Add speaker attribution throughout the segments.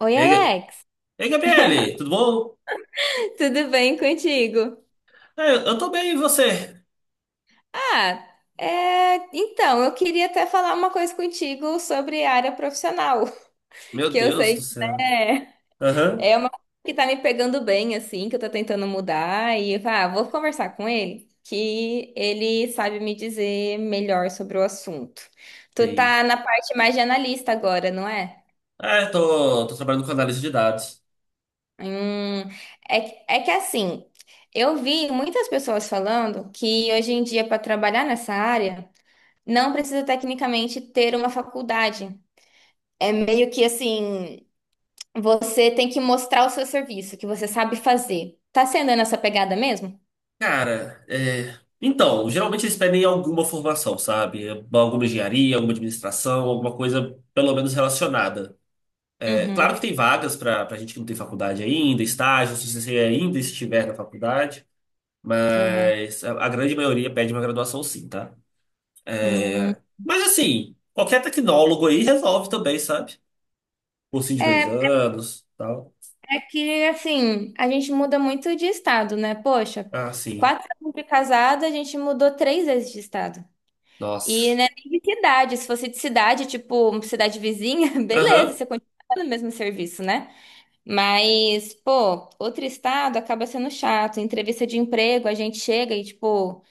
Speaker 1: Oi,
Speaker 2: Ei, Ga-
Speaker 1: Alex,
Speaker 2: ei, Gabriele, tudo bom?
Speaker 1: tudo bem contigo?
Speaker 2: É, eu tô bem, e você?
Speaker 1: Ah, então, eu queria até falar uma coisa contigo sobre a área profissional,
Speaker 2: Meu
Speaker 1: que eu
Speaker 2: Deus
Speaker 1: sei
Speaker 2: do
Speaker 1: que
Speaker 2: céu.
Speaker 1: né,
Speaker 2: Aham,
Speaker 1: é uma coisa que tá me pegando bem, assim, que eu tô tentando mudar, e vou conversar com ele, que ele sabe me dizer melhor sobre o assunto. Tu
Speaker 2: sim.
Speaker 1: tá na parte mais de analista agora, não é?
Speaker 2: É, tô trabalhando com análise de dados.
Speaker 1: Hum, é que assim, eu vi muitas pessoas falando que hoje em dia, para trabalhar nessa área, não precisa tecnicamente ter uma faculdade. É meio que assim, você tem que mostrar o seu serviço, que você sabe fazer. Tá sendo nessa pegada mesmo?
Speaker 2: Cara, é... Então, geralmente eles pedem alguma formação, sabe? Alguma engenharia, alguma administração, alguma coisa pelo menos relacionada. É, claro que
Speaker 1: Uhum,
Speaker 2: tem vagas pra gente que não tem faculdade ainda, estágio, se você ainda estiver na faculdade,
Speaker 1: uhum.
Speaker 2: mas a grande maioria pede uma graduação sim, tá?
Speaker 1: Hum.
Speaker 2: Mas assim, qualquer tecnólogo aí resolve também, sabe? Cursinho de dois
Speaker 1: É,
Speaker 2: anos, tal.
Speaker 1: é que assim, a gente muda muito de estado, né? Poxa,
Speaker 2: Ah, sim.
Speaker 1: 4 anos de casada, a gente mudou 3 vezes de estado. E
Speaker 2: Nossa.
Speaker 1: né, nem de cidade. Se fosse de cidade, tipo, cidade vizinha, beleza,
Speaker 2: Aham.
Speaker 1: você continua no mesmo serviço, né? Mas, pô, outro estado acaba sendo chato. Em entrevista de emprego, a gente chega e, tipo,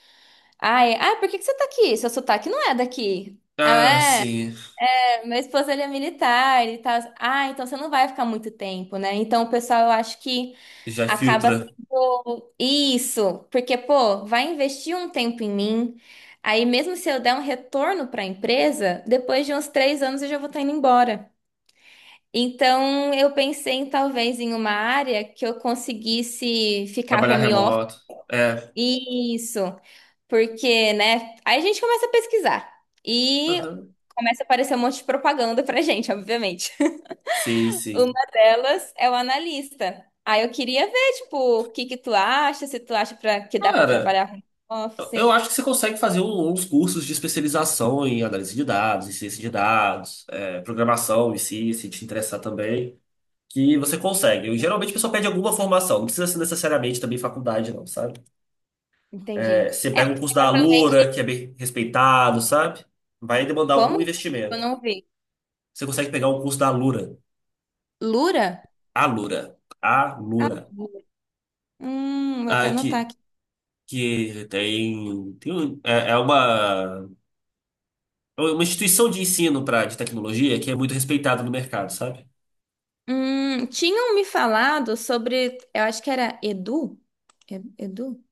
Speaker 1: ai, por que que você tá aqui? Seu sotaque não é daqui. Ah,
Speaker 2: Ah,
Speaker 1: é,
Speaker 2: sim.
Speaker 1: meu esposo ele é militar e tal. Ah, então você não vai ficar muito tempo, né? Então, o pessoal, eu acho que
Speaker 2: Já
Speaker 1: acaba
Speaker 2: filtra.
Speaker 1: tendo isso, porque, pô, vai investir um tempo em mim. Aí, mesmo se eu der um retorno para a empresa, depois de uns 3 anos eu já vou estar indo embora. Então, eu pensei em talvez em uma área que eu conseguisse ficar
Speaker 2: Trabalhar
Speaker 1: home office.
Speaker 2: remoto. É.
Speaker 1: Isso, porque, né? Aí a gente começa a pesquisar e
Speaker 2: Aham.
Speaker 1: começa a aparecer um monte de propaganda pra gente, obviamente.
Speaker 2: Sim, sim.
Speaker 1: Uma delas é o analista. Aí eu queria ver, tipo, o que que tu acha, se tu acha que dá pra
Speaker 2: Cara,
Speaker 1: trabalhar home
Speaker 2: eu
Speaker 1: office.
Speaker 2: acho que você consegue fazer uns cursos de especialização em análise de dados, em ciência de dados, é, programação em si, se te interessar também, que você consegue. Eu, geralmente a pessoa pede alguma formação, não precisa ser necessariamente também faculdade, não, sabe? É,
Speaker 1: Entendi.
Speaker 2: você
Speaker 1: É,
Speaker 2: pega um
Speaker 1: mas
Speaker 2: curso da Alura,
Speaker 1: provavelmente.
Speaker 2: que é bem respeitado, sabe? Vai demandar
Speaker 1: Como?
Speaker 2: algum
Speaker 1: Desculpa, eu
Speaker 2: investimento.
Speaker 1: não vi.
Speaker 2: Você consegue pegar um curso da Alura.
Speaker 1: Lura?
Speaker 2: Alura.
Speaker 1: Ah,
Speaker 2: Alura.
Speaker 1: vou até
Speaker 2: Ah,
Speaker 1: anotar
Speaker 2: que,
Speaker 1: aqui.
Speaker 2: que tem é é uma instituição de ensino de tecnologia que é muito respeitada no mercado, sabe?
Speaker 1: Tinham me falado sobre, eu acho que era Edu? É- Edu?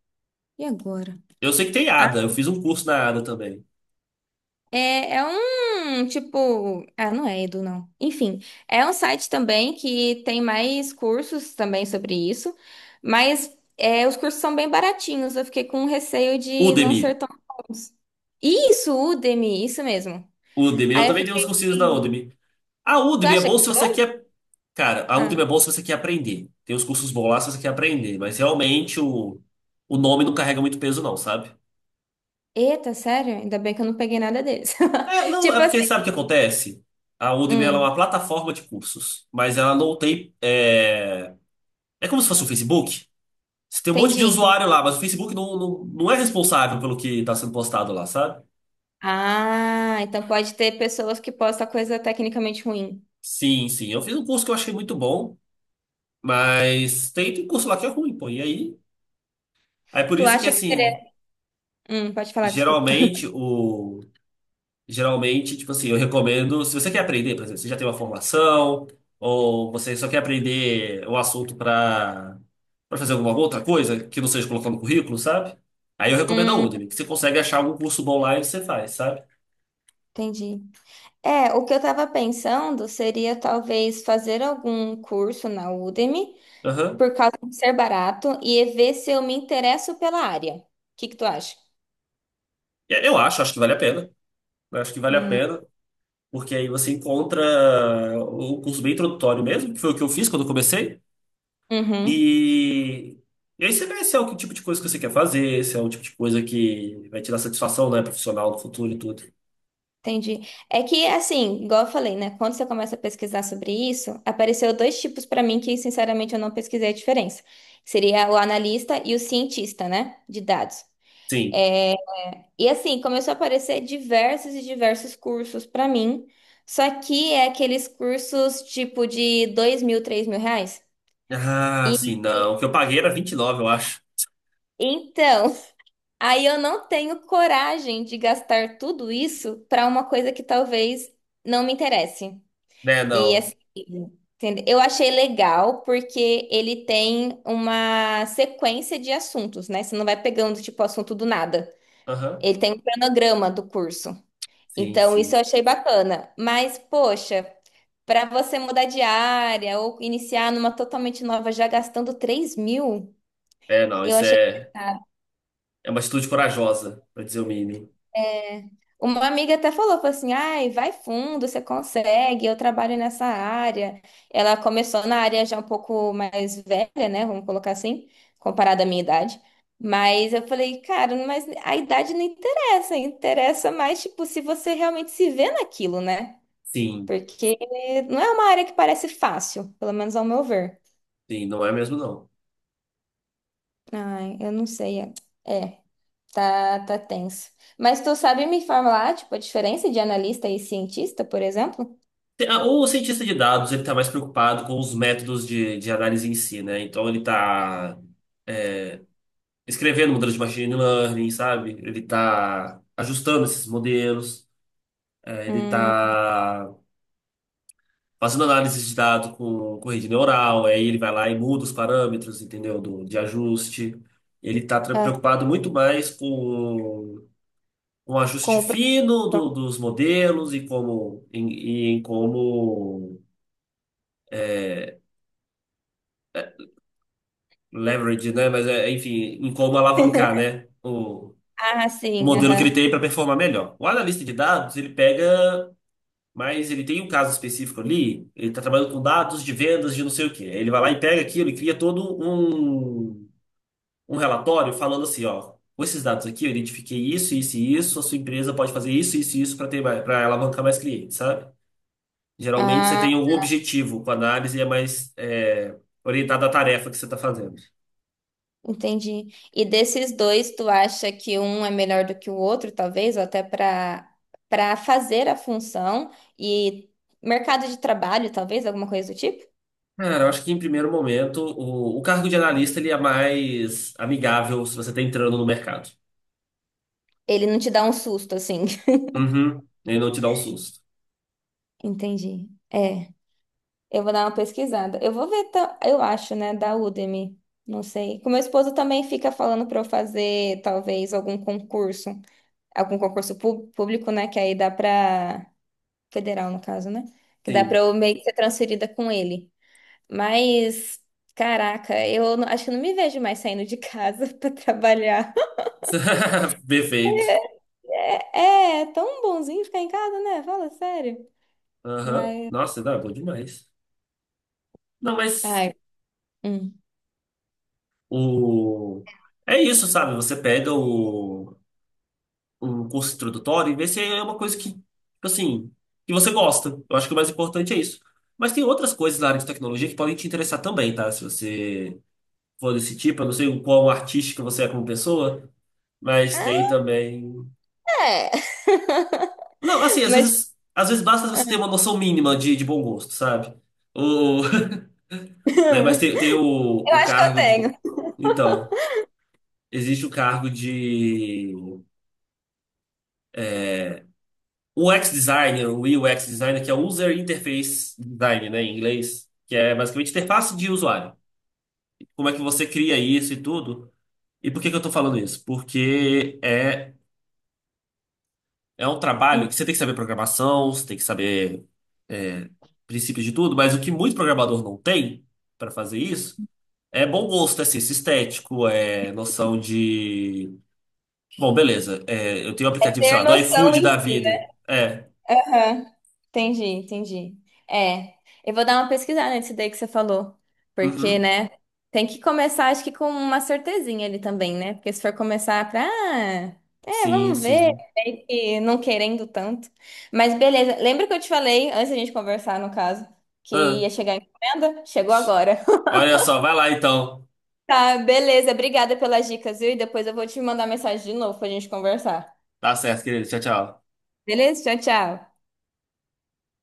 Speaker 1: E agora?
Speaker 2: Eu sei que tem
Speaker 1: Ah,
Speaker 2: ADA, eu fiz um curso na ADA também.
Speaker 1: é um tipo. Ah, não é Edu, não. Enfim, é um site também que tem mais cursos também sobre isso, mas os cursos são bem baratinhos. Eu fiquei com receio de não ser
Speaker 2: Udemy.
Speaker 1: tão bons. Isso, Udemy, isso mesmo.
Speaker 2: Udemy, eu
Speaker 1: Aí eu
Speaker 2: também tenho
Speaker 1: fiquei.
Speaker 2: uns cursinhos na
Speaker 1: assim,
Speaker 2: Udemy. A
Speaker 1: Tu
Speaker 2: Udemy é
Speaker 1: acha
Speaker 2: bom
Speaker 1: que.
Speaker 2: se você quer. Cara, a Udemy é
Speaker 1: Ah,
Speaker 2: bom se você quer aprender. Tem uns cursos bons lá se você quer aprender, mas o nome não carrega muito peso, não, sabe?
Speaker 1: eita, sério? Ainda bem que eu não peguei nada deles.
Speaker 2: É, não, é
Speaker 1: Tipo
Speaker 2: porque
Speaker 1: assim.
Speaker 2: sabe o que acontece? A Udemy ela é
Speaker 1: Hum,
Speaker 2: uma plataforma de cursos, mas ela não tem. É, é como se fosse o Facebook. Você tem um monte de
Speaker 1: entendi.
Speaker 2: usuário lá, mas o Facebook não é responsável pelo que está sendo postado lá, sabe?
Speaker 1: Ah, então pode ter pessoas que postam coisa tecnicamente ruim.
Speaker 2: Sim, sim. Eu fiz um curso que eu achei muito bom, mas tem curso lá que é ruim, pô. E aí? É por
Speaker 1: Tu
Speaker 2: isso que,
Speaker 1: acha que seria.
Speaker 2: assim,
Speaker 1: Pode falar, desculpa.
Speaker 2: geralmente o. Geralmente, tipo assim, eu recomendo, se você quer aprender, por exemplo, você já tem uma formação, ou você só quer aprender o assunto para fazer alguma outra coisa que não seja colocar no currículo, sabe? Aí eu recomendo a
Speaker 1: Hum,
Speaker 2: Udemy, que você consegue achar algum curso bom lá e você faz, sabe?
Speaker 1: entendi. É, o que eu tava pensando seria talvez fazer algum curso na Udemy,
Speaker 2: Aham.
Speaker 1: por causa de ser barato, e ver se eu me interesso pela área. O que que tu acha?
Speaker 2: Eu acho que vale a pena. Eu acho que vale a
Speaker 1: Hum,
Speaker 2: pena, porque aí você encontra um curso bem introdutório mesmo, que foi o que eu fiz quando eu comecei.
Speaker 1: uhum.
Speaker 2: E, e aí você vê se é o que tipo de coisa que você quer fazer, se é o tipo de coisa que vai te dar satisfação, né, profissional no futuro e tudo.
Speaker 1: Entendi. É que, assim, igual eu falei, né? Quando você começa a pesquisar sobre isso, apareceu dois tipos para mim que, sinceramente, eu não pesquisei a diferença. Seria o analista e o cientista, né? De dados.
Speaker 2: Sim.
Speaker 1: É, e, assim, começou a aparecer diversos e diversos cursos para mim. Só que é aqueles cursos, tipo, de 2 mil, 3 mil reais.
Speaker 2: Ah, sim, não. O que eu paguei era vinte e nove eu acho.
Speaker 1: Então, aí eu não tenho coragem de gastar tudo isso para uma coisa que talvez não me interesse.
Speaker 2: Né,
Speaker 1: E assim,
Speaker 2: não.
Speaker 1: eu achei legal porque ele tem uma sequência de assuntos, né? Você não vai pegando, tipo, assunto do nada.
Speaker 2: Aham.
Speaker 1: Ele tem um cronograma do curso.
Speaker 2: Sim,
Speaker 1: Então, isso
Speaker 2: sim.
Speaker 1: eu achei bacana. Mas, poxa, para você mudar de área ou iniciar numa totalmente nova já gastando 3 mil,
Speaker 2: É, não,
Speaker 1: eu
Speaker 2: isso
Speaker 1: achei.
Speaker 2: é, é uma atitude corajosa, pra dizer o mínimo.
Speaker 1: Uma amiga até falou, falou assim, ai, vai fundo, você consegue, eu trabalho nessa área. Ela começou na área já um pouco mais velha, né? Vamos colocar assim, comparada à minha idade. Mas eu falei, cara, mas a idade não interessa, interessa mais, tipo, se você realmente se vê naquilo, né?
Speaker 2: Sim,
Speaker 1: Porque não é uma área que parece fácil, pelo menos ao meu ver.
Speaker 2: sim, não é mesmo, não.
Speaker 1: Ai, eu não sei. É, tá, tá tenso. Mas tu sabe me falar, tipo, a diferença de analista e cientista, por exemplo?
Speaker 2: O cientista de dados, ele tá mais preocupado com os métodos de análise em si, né? Então ele tá é, escrevendo modelos de machine learning, sabe? Ele está ajustando esses modelos, ele
Speaker 1: Hum,
Speaker 2: está fazendo análise de dados com rede neural, aí ele vai lá e muda os parâmetros, entendeu? De ajuste. Ele está
Speaker 1: Ah,
Speaker 2: preocupado muito mais com o
Speaker 1: com
Speaker 2: ajuste
Speaker 1: o
Speaker 2: fino
Speaker 1: professor.
Speaker 2: dos modelos e e em como é, leverage, né? Enfim, em como alavancar, né?
Speaker 1: Ah,
Speaker 2: O
Speaker 1: sim,
Speaker 2: modelo que ele
Speaker 1: aham.
Speaker 2: tem para performar melhor. O analista de dados, ele pega mas ele tem um caso específico ali, ele está trabalhando com dados de vendas de não sei o quê. Aí ele vai lá e pega aquilo e cria todo um relatório falando assim, ó, com esses dados aqui eu identifiquei isso, isso e isso, a sua empresa pode fazer isso, isso e isso para alavancar mais clientes, sabe? Geralmente você
Speaker 1: Ah,
Speaker 2: tem algum objetivo com a análise e é mais orientada à tarefa que você está fazendo.
Speaker 1: entendi. E desses dois, tu acha que um é melhor do que o outro, talvez, ou até para fazer a função e mercado de trabalho, talvez, alguma coisa do tipo?
Speaker 2: Cara, eu acho que em primeiro momento o cargo de analista ele é mais amigável se você está entrando no mercado.
Speaker 1: Ele não te dá um susto, assim.
Speaker 2: Uhum. Ele não te dá um susto.
Speaker 1: Entendi. É, eu vou dar uma pesquisada. Eu vou ver, eu acho, né, da Udemy. Não sei. Que o meu esposo também fica falando para eu fazer, talvez, algum concurso. Algum concurso público, né, que aí dá para federal no caso, né? Que dá pra
Speaker 2: Sim.
Speaker 1: eu meio que ser transferida com ele. Mas, caraca, eu não- acho que eu não me vejo mais saindo de casa pra trabalhar.
Speaker 2: Perfeito.
Speaker 1: É, é tão bonzinho ficar em casa, né? Fala sério.
Speaker 2: Aham.
Speaker 1: Mas,
Speaker 2: Nossa, não, é bom demais. Não, mas
Speaker 1: ai, hum.
Speaker 2: o... É isso, sabe? Você pega o... um curso introdutório e vê se é uma coisa que, tipo assim, que você gosta. Eu acho que o mais importante é isso. Mas tem outras coisas na área de tecnologia que podem te interessar também, tá? Se você for desse tipo, eu não sei o quão artística você é como pessoa, mas tem também...
Speaker 1: É.
Speaker 2: Não, assim,
Speaker 1: Mas
Speaker 2: às vezes basta você ter uma noção mínima de bom gosto, sabe? O... Né, mas
Speaker 1: eu
Speaker 2: tem o
Speaker 1: acho que eu
Speaker 2: cargo de.
Speaker 1: tenho.
Speaker 2: Então, existe o cargo de UX designer, o UX designer, que é User Interface Design, né, em inglês, que é basicamente interface de usuário. Como é que você cria isso e tudo? E por que que eu tô falando isso? Porque é um trabalho
Speaker 1: Hum.
Speaker 2: que você tem que saber programação, você tem que saber é, princípios de tudo, mas o que muito programador não tem para fazer isso é bom gosto, é senso estético, é noção de bom, beleza. É, eu tenho um aplicativo, sei
Speaker 1: Ter
Speaker 2: lá, do
Speaker 1: noção
Speaker 2: iFood
Speaker 1: em
Speaker 2: da
Speaker 1: si, né?
Speaker 2: vida. É.
Speaker 1: Aham, entendi, entendi. É, eu vou dar uma pesquisada nesse daí que você falou, porque,
Speaker 2: Uhum.
Speaker 1: né, tem que começar, acho que com uma certezinha ali também, né? Porque se for começar pra,
Speaker 2: Sim,
Speaker 1: vamos ver,
Speaker 2: sim.
Speaker 1: aí que não querendo tanto. Mas beleza, lembra que eu te falei, antes da gente conversar, no caso, que
Speaker 2: Ah,
Speaker 1: ia chegar a encomenda? Chegou agora.
Speaker 2: olha só, vai lá então.
Speaker 1: Tá, beleza, obrigada pelas dicas, viu? E depois eu vou te mandar mensagem de novo pra gente conversar.
Speaker 2: Tá certo, querido. Tchau, tchau.
Speaker 1: Beleza? Tchau, tchau.